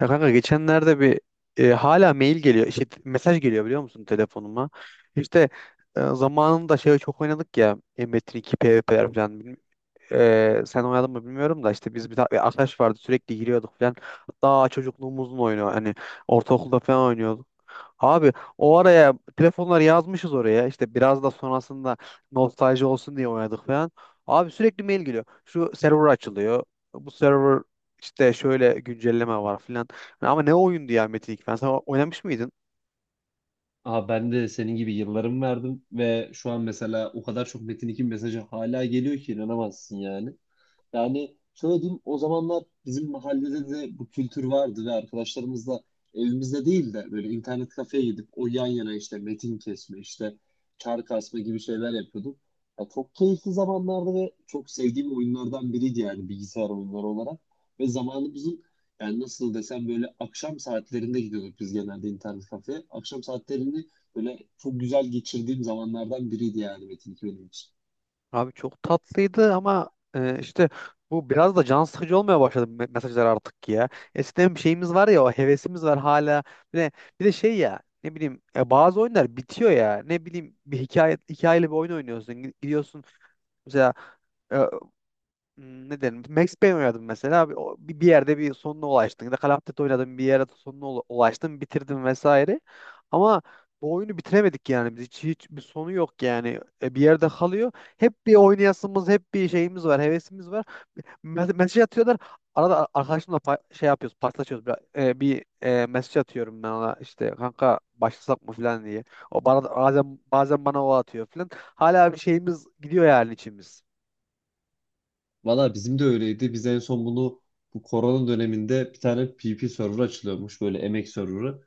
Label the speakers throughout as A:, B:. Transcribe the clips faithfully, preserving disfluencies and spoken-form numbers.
A: Ya kanka geçenlerde bir e, hala mail geliyor. İşte mesaj geliyor biliyor musun telefonuma. İşte e, zamanında şey çok oynadık ya. e, Metin iki PvP'ler falan. Ee, sen oynadın mı bilmiyorum da işte biz bir, ta- bir arkadaş vardı sürekli giriyorduk falan. Hatta çocukluğumuzun oyunu hani ortaokulda falan oynuyorduk. Abi o araya telefonları yazmışız oraya işte biraz da sonrasında nostalji olsun diye oynadık falan. Abi sürekli mail geliyor. Şu server açılıyor. Bu server işte şöyle güncelleme var falan. Ama ne oyundu ya Metin ilk ben. Sen oynamış mıydın?
B: Aha ben de senin gibi yıllarımı verdim ve şu an mesela o kadar çok Metin iki mesajı hala geliyor ki inanamazsın yani. Yani şöyle diyeyim, o zamanlar bizim mahallede de bu kültür vardı ve arkadaşlarımızla evimizde değil de böyle internet kafeye gidip o yan yana işte metin kesme işte çark asma gibi şeyler yapıyorduk. Ya çok keyifli zamanlardı ve çok sevdiğim oyunlardan biriydi yani bilgisayar oyunları olarak. Ve zamanımızın yani nasıl desem böyle akşam saatlerinde gidiyorduk biz genelde internet kafeye. Akşam saatlerini böyle çok güzel geçirdiğim zamanlardan biriydi yani Metin iki benim için.
A: Abi çok tatlıydı ama e, işte bu biraz da can sıkıcı olmaya başladı me- mesajlar artık ya. Eskiden bir şeyimiz var ya o hevesimiz var hala. Bir de, bir de şey ya ne bileyim e, bazı oyunlar bitiyor ya. Ne bileyim bir hikaye hikayeli bir oyun oynuyorsun. Gi- Gidiyorsun mesela, e, Hmm, ne derim? Max Payne oynadım mesela. Abi, o- bir bir yerde bir sonuna ulaştın. Ya da Call of Duty oynadım bir yere sonuna ula- ulaştın, bitirdin vesaire. Ama bu oyunu bitiremedik yani. Biz hiç, hiç bir sonu yok yani. E, bir yerde kalıyor. Hep bir oynayasımız, hep bir şeyimiz var, hevesimiz var. Me- mesaj atıyorlar. Arada a- arkadaşımla pa- şey yapıyoruz, paslaşıyoruz. Bir, e, bir e, mesaj atıyorum ben ona işte kanka başlasak mı falan diye. O bana da- bazen bazen bana o atıyor falan. Hala bir şeyimiz gidiyor yani içimiz.
B: Valla bizim de öyleydi. Biz en son bunu bu korona döneminde bir tane P P server açılıyormuş böyle emek serverı.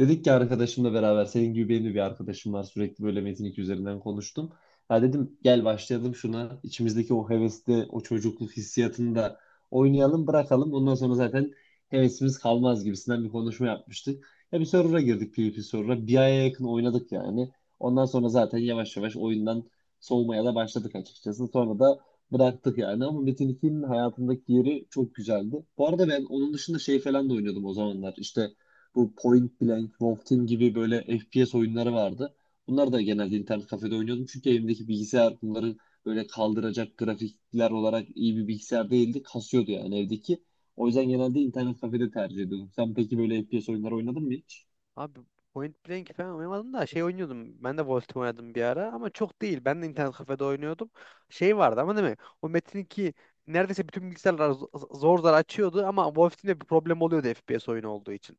B: Dedik ki arkadaşımla beraber, senin gibi benim de bir arkadaşım var sürekli böyle Metin iki üzerinden konuştum. Ha dedim gel başlayalım şuna, içimizdeki o hevesli o çocukluk hissiyatını da oynayalım bırakalım. Ondan sonra zaten hevesimiz kalmaz gibisinden bir konuşma yapmıştık. Ya bir server'a girdik, PvP server'a bir aya yakın oynadık yani. Ondan sonra zaten yavaş yavaş oyundan soğumaya da başladık açıkçası. Sonra da bıraktık yani ama Metin ikinin hayatımdaki yeri çok güzeldi. Bu arada ben onun dışında şey falan da oynuyordum o zamanlar, işte bu Point Blank, Wolf Team gibi böyle F P S oyunları vardı. Bunlar da genelde internet kafede oynuyordum. Çünkü elimdeki bilgisayar bunları böyle kaldıracak grafikler olarak iyi bir bilgisayar değildi. Kasıyordu yani evdeki. O yüzden genelde internet kafede tercih ediyordum. Sen peki böyle F P S oyunları oynadın mı hiç?
A: Abi Point Blank falan oynamadım da şey oynuyordum. Ben de Wolfteam oynadım bir ara ama çok değil. Ben de internet kafede oynuyordum. Şey vardı ama değil mi? O Metin iki neredeyse bütün bilgisayarlar z- zor zor açıyordu ama Wolfteam'de bir problem oluyordu F P F P S oyunu olduğu için.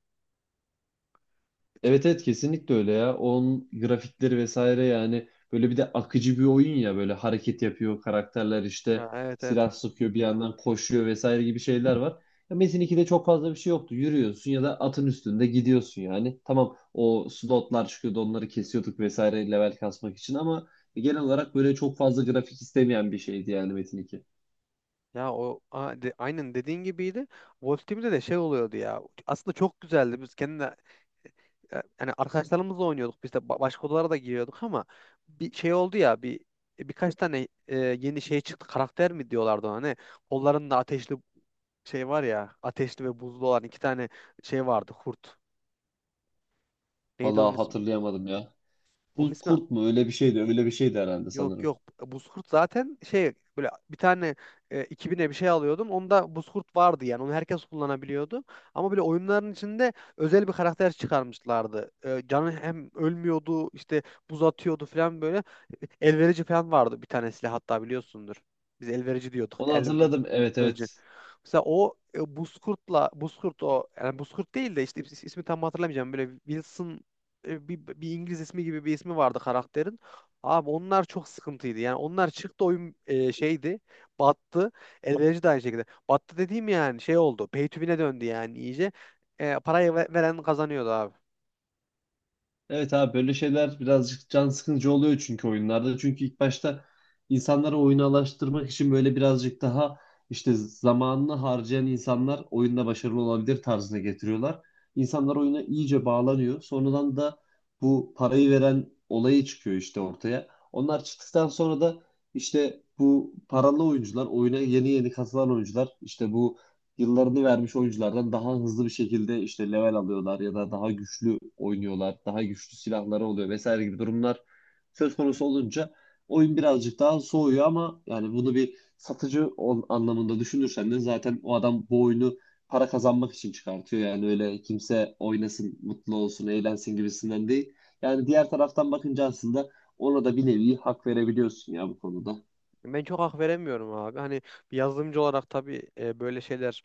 B: Evet, evet, kesinlikle öyle ya. Onun grafikleri vesaire yani böyle bir de akıcı bir oyun, ya böyle hareket yapıyor karakterler, işte
A: Ya, evet, evet.
B: silah sıkıyor bir yandan koşuyor vesaire gibi şeyler var. Ya Metin ikide çok fazla bir şey yoktu. Yürüyorsun ya da atın üstünde gidiyorsun yani. Tamam, o slotlar çıkıyordu, onları kesiyorduk vesaire, level kasmak için, ama genel olarak böyle çok fazla grafik istemeyen bir şeydi yani Metin iki.
A: Ya o a- de- aynen dediğin gibiydi. Wolf Team'de de şey oluyordu ya. Aslında çok güzeldi. Biz kendi yani arkadaşlarımızla oynuyorduk biz de ba- başka odalara da giriyorduk ama bir şey oldu ya bir birkaç tane e, yeni şey çıktı karakter mi diyorlardı ona ne kollarında ateşli şey var ya ateşli ve buzlu olan iki tane şey vardı kurt neydi onun
B: Vallahi
A: ismi
B: hatırlayamadım ya.
A: onun
B: Buz
A: ismi.
B: kurt mu, öyle bir şeydi, öyle bir şeydi herhalde
A: Yok,
B: sanırım.
A: yok. Buzkurt zaten şey böyle bir tane e, iki bine bir şey alıyordun. Onda buzkurt vardı yani. Onu herkes kullanabiliyordu. Ama böyle oyunların içinde özel bir karakter çıkarmışlardı. E, canı hem ölmüyordu, işte buz atıyordu falan böyle. E, Elverici falan vardı bir tane silah hatta biliyorsundur. Biz elverici diyorduk.
B: Onu hatırladım, evet,
A: Elverici.
B: evet.
A: Mesela o e, Buzkurt'la Buzkurt o yani Buzkurt değil de işte is- ismi tam hatırlamayacağım. Böyle Wilson, e, bir, bir İngiliz ismi gibi bir ismi vardı karakterin. Abi onlar çok sıkıntıydı. Yani onlar çıktı oyun e, şeydi. Battı. Elverici de aynı şekilde. Battı dediğim yani şey oldu. Pay to win'e döndü yani iyice. E, parayı ve- veren kazanıyordu abi.
B: Evet abi, böyle şeyler birazcık can sıkıcı oluyor çünkü oyunlarda. Çünkü ilk başta insanları oyuna alıştırmak için böyle birazcık daha işte zamanını harcayan insanlar oyunda başarılı olabilir tarzına getiriyorlar. İnsanlar oyuna iyice bağlanıyor. Sonradan da bu parayı veren olayı çıkıyor işte ortaya. Onlar çıktıktan sonra da işte bu paralı oyuncular, oyuna yeni yeni katılan oyuncular işte bu yıllarını vermiş oyunculardan daha hızlı bir şekilde işte level alıyorlar ya da daha güçlü oynuyorlar, daha güçlü silahları oluyor vesaire gibi durumlar söz konusu olunca oyun birazcık daha soğuyor, ama yani bunu bir satıcı ol- anlamında düşünürsen de zaten o adam bu oyunu para kazanmak için çıkartıyor. Yani öyle kimse oynasın, mutlu olsun, eğlensin gibisinden değil. Yani diğer taraftan bakınca aslında ona da bir nevi hak verebiliyorsun ya bu konuda.
A: Ben çok hak veremiyorum abi. Hani bir yazılımcı olarak tabii e, böyle şeyler,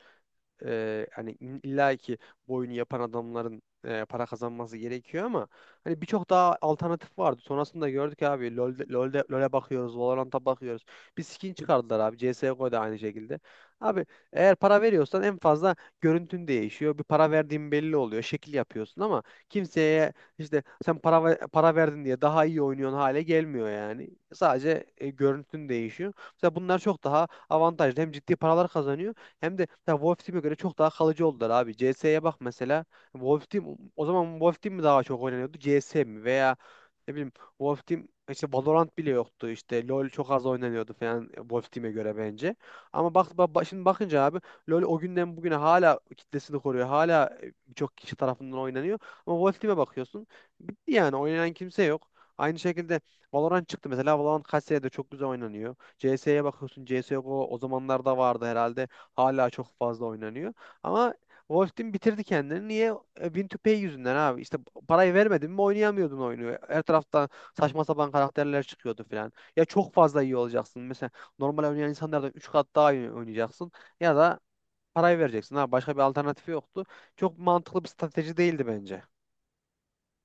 A: e, hani illa ki bu oyunu yapan adamların e, para kazanması gerekiyor ama hani birçok daha alternatif vardı. Sonrasında gördük abi LoL'de, LoL'de, LoL'e bakıyoruz, Valorant'a bakıyoruz. Bir skin çıkardılar abi. C S G O'da aynı şekilde. Abi eğer para veriyorsan en fazla görüntün değişiyor. Bir para verdiğin belli oluyor. Şekil yapıyorsun ama kimseye işte sen para ver- para verdin diye daha iyi oynuyorsun hale gelmiyor yani. Sadece e, görüntün değişiyor. Mesela bunlar çok daha avantajlı. Hem ciddi paralar kazanıyor hem de ya Wolf Team'e göre çok daha kalıcı oldular abi. C S'ye bak mesela. Wolf Team o zaman Wolf Team mi daha çok oynanıyordu? C S mi? Veya ne bileyim Wolf Team işte Valorant bile yoktu işte LoL çok az oynanıyordu falan Wolf Team'e göre bence. Ama bak, ba- ba- şimdi bakınca abi LoL o günden bugüne hala kitlesini koruyor. Hala e, birçok kişi tarafından oynanıyor. Ama Wolf Team'e bakıyorsun bitti yani oynayan kimse yok. Aynı şekilde Valorant çıktı mesela. Valorant kaç senedir çok güzel oynanıyor. C S'ye bakıyorsun. C S yok o, o zamanlarda vardı herhalde. Hala çok fazla oynanıyor. Ama Wolf Team bitirdi kendini. Niye? E, win two pay yüzünden abi. İşte parayı vermedin mi oynayamıyordun oyunu. Her taraftan saçma sapan karakterler çıkıyordu falan. Ya çok fazla iyi olacaksın. Mesela normal oynayan insanlardan üç kat daha iyi oynayacaksın. Ya da parayı vereceksin. Ha, başka bir alternatifi yoktu. Çok mantıklı bir strateji değildi bence.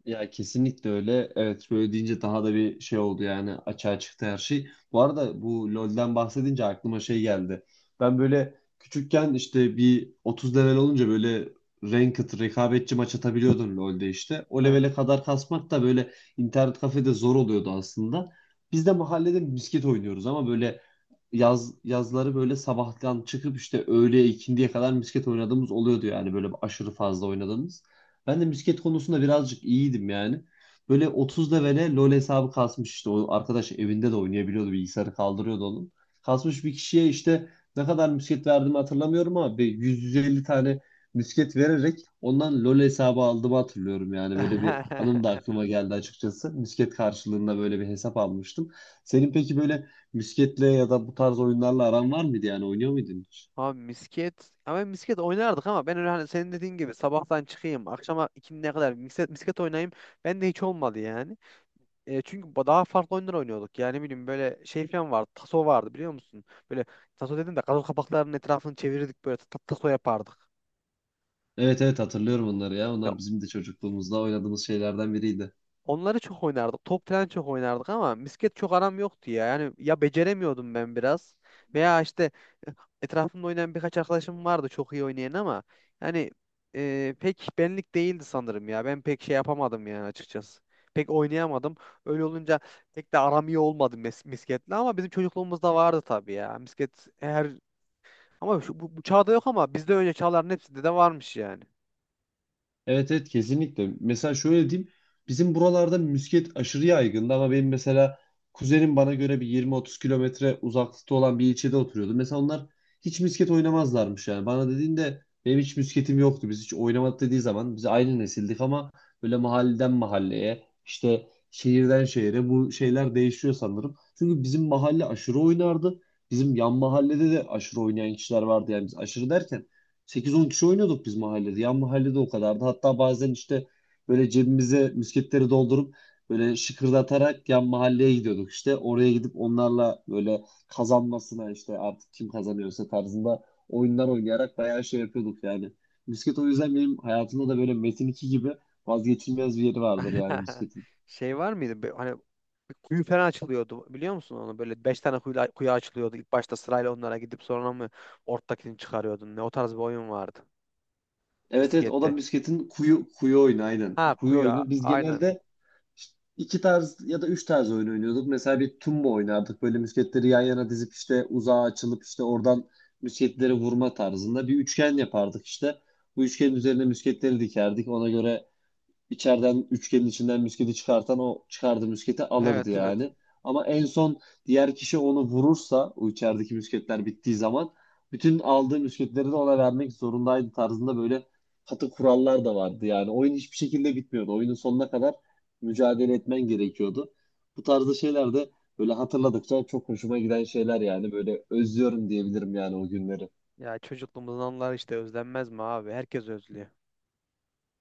B: Ya kesinlikle öyle. Evet böyle deyince daha da bir şey oldu yani, açığa çıktı her şey. Bu arada bu LoL'den bahsedince aklıma şey geldi. Ben böyle küçükken işte bir otuz level olunca böyle ranked rekabetçi maç atabiliyordun LoL'de işte. O
A: Evet.
B: levele kadar kasmak da böyle internet kafede zor oluyordu aslında. Biz de mahallede misket oynuyoruz ama böyle yaz yazları böyle sabahtan çıkıp işte öğleye ikindiye kadar misket oynadığımız oluyordu yani, böyle aşırı fazla oynadığımız. Ben de misket konusunda birazcık iyiydim yani. Böyle otuz levele LoL hesabı kasmış işte. O arkadaş evinde de oynayabiliyordu. Bilgisayarı kaldırıyordu onun. Kasmış bir kişiye işte ne kadar misket verdiğimi hatırlamıyorum ama bir yüz yüz elli tane misket vererek ondan LoL hesabı aldığımı hatırlıyorum. Yani böyle bir anım da aklıma geldi açıkçası. Misket karşılığında böyle bir hesap almıştım. Senin peki böyle misketle ya da bu tarz oyunlarla aran var mıydı, yani oynuyor muydun hiç?
A: Abi misket. Ama misket oynardık ama ben öyle hani senin dediğin gibi sabahtan çıkayım akşama ikiye kadar misket, misket oynayayım. Ben de hiç olmadı yani. E, çünkü ba- daha farklı oyunlar oynuyorduk. Yani ne bileyim böyle şey falan vardı. Taso vardı biliyor musun? Böyle taso dedim de gazoz kapaklarının etrafını çevirirdik böyle ta- taso yapardık.
B: Evet, evet, hatırlıyorum onları ya.
A: Ya,
B: Onlar bizim de çocukluğumuzda oynadığımız şeylerden biriydi.
A: onları çok oynardık. Top falan çok oynardık ama misket çok aram yoktu ya. Yani ya beceremiyordum ben biraz veya işte etrafımda oynayan birkaç arkadaşım vardı çok iyi oynayan ama yani e, pek benlik değildi sanırım ya. Ben pek şey yapamadım yani açıkçası. Pek oynayamadım. Öyle olunca pek de aram iyi olmadı mis misketle ama bizim çocukluğumuzda vardı tabii ya. Misket her ama şu, bu, bu çağda yok ama bizde önce çağların hepsinde de varmış yani.
B: Evet, evet, kesinlikle. Mesela şöyle diyeyim. Bizim buralarda misket aşırı yaygındı ama benim mesela kuzenim bana göre bir yirmi otuz kilometre uzaklıkta olan bir ilçede oturuyordu. Mesela onlar hiç misket oynamazlarmış yani. Bana dediğinde benim hiç misketim yoktu. Biz hiç oynamadık dediği zaman biz aynı nesildik ama böyle mahalleden mahalleye işte şehirden şehire bu şeyler değişiyor sanırım. Çünkü bizim mahalle aşırı oynardı. Bizim yan mahallede de aşırı oynayan kişiler vardı, yani biz aşırı derken sekiz on kişi oynuyorduk biz mahallede. Yan mahallede o kadardı. Hatta bazen işte böyle cebimize misketleri doldurup böyle şıkırdatarak yan mahalleye gidiyorduk işte. Oraya gidip onlarla böyle kazanmasına işte artık kim kazanıyorsa tarzında oyunlar oynayarak bayağı şey yapıyorduk yani. Misket o yüzden benim hayatımda da böyle Metin iki gibi vazgeçilmez bir yeri vardır yani misketin.
A: Şey var mıydı? Be- Hani bir kuyu falan açılıyordu biliyor musun onu? Böyle beş tane kuyu, kuyu açılıyordu. İlk başta sırayla onlara gidip sonra mı ortadakini çıkarıyordun? Ne o tarz bir oyun vardı.
B: Evet, evet, o da
A: Miskette.
B: misketin kuyu kuyu oyunu aynen.
A: Ha
B: Kuyu
A: kuyu a-
B: oyunu. Biz
A: aynen.
B: genelde işte iki tarz ya da üç tarz oyun oynuyorduk. Mesela bir tumba oynardık. Böyle musketleri yan yana dizip işte uzağa açılıp işte oradan musketleri vurma tarzında, bir üçgen yapardık işte. Bu üçgenin üzerine musketleri dikerdik. Ona göre içeriden üçgenin içinden müsketi çıkartan o çıkardığı müsketi
A: Evet,
B: alırdı
A: evet.
B: yani. Ama en son diğer kişi onu vurursa o içerideki müsketler bittiği zaman bütün aldığı müsketleri de ona vermek zorundaydı tarzında böyle katı kurallar da vardı. Yani oyun hiçbir şekilde bitmiyordu. Oyunun sonuna kadar mücadele etmen gerekiyordu. Bu tarzda şeyler de böyle hatırladıkça çok hoşuma giden şeyler, yani böyle özlüyorum diyebilirim yani o günleri.
A: Ya çocukluğumuzun anıları işte özlenmez mi abi? Herkes özlüyor.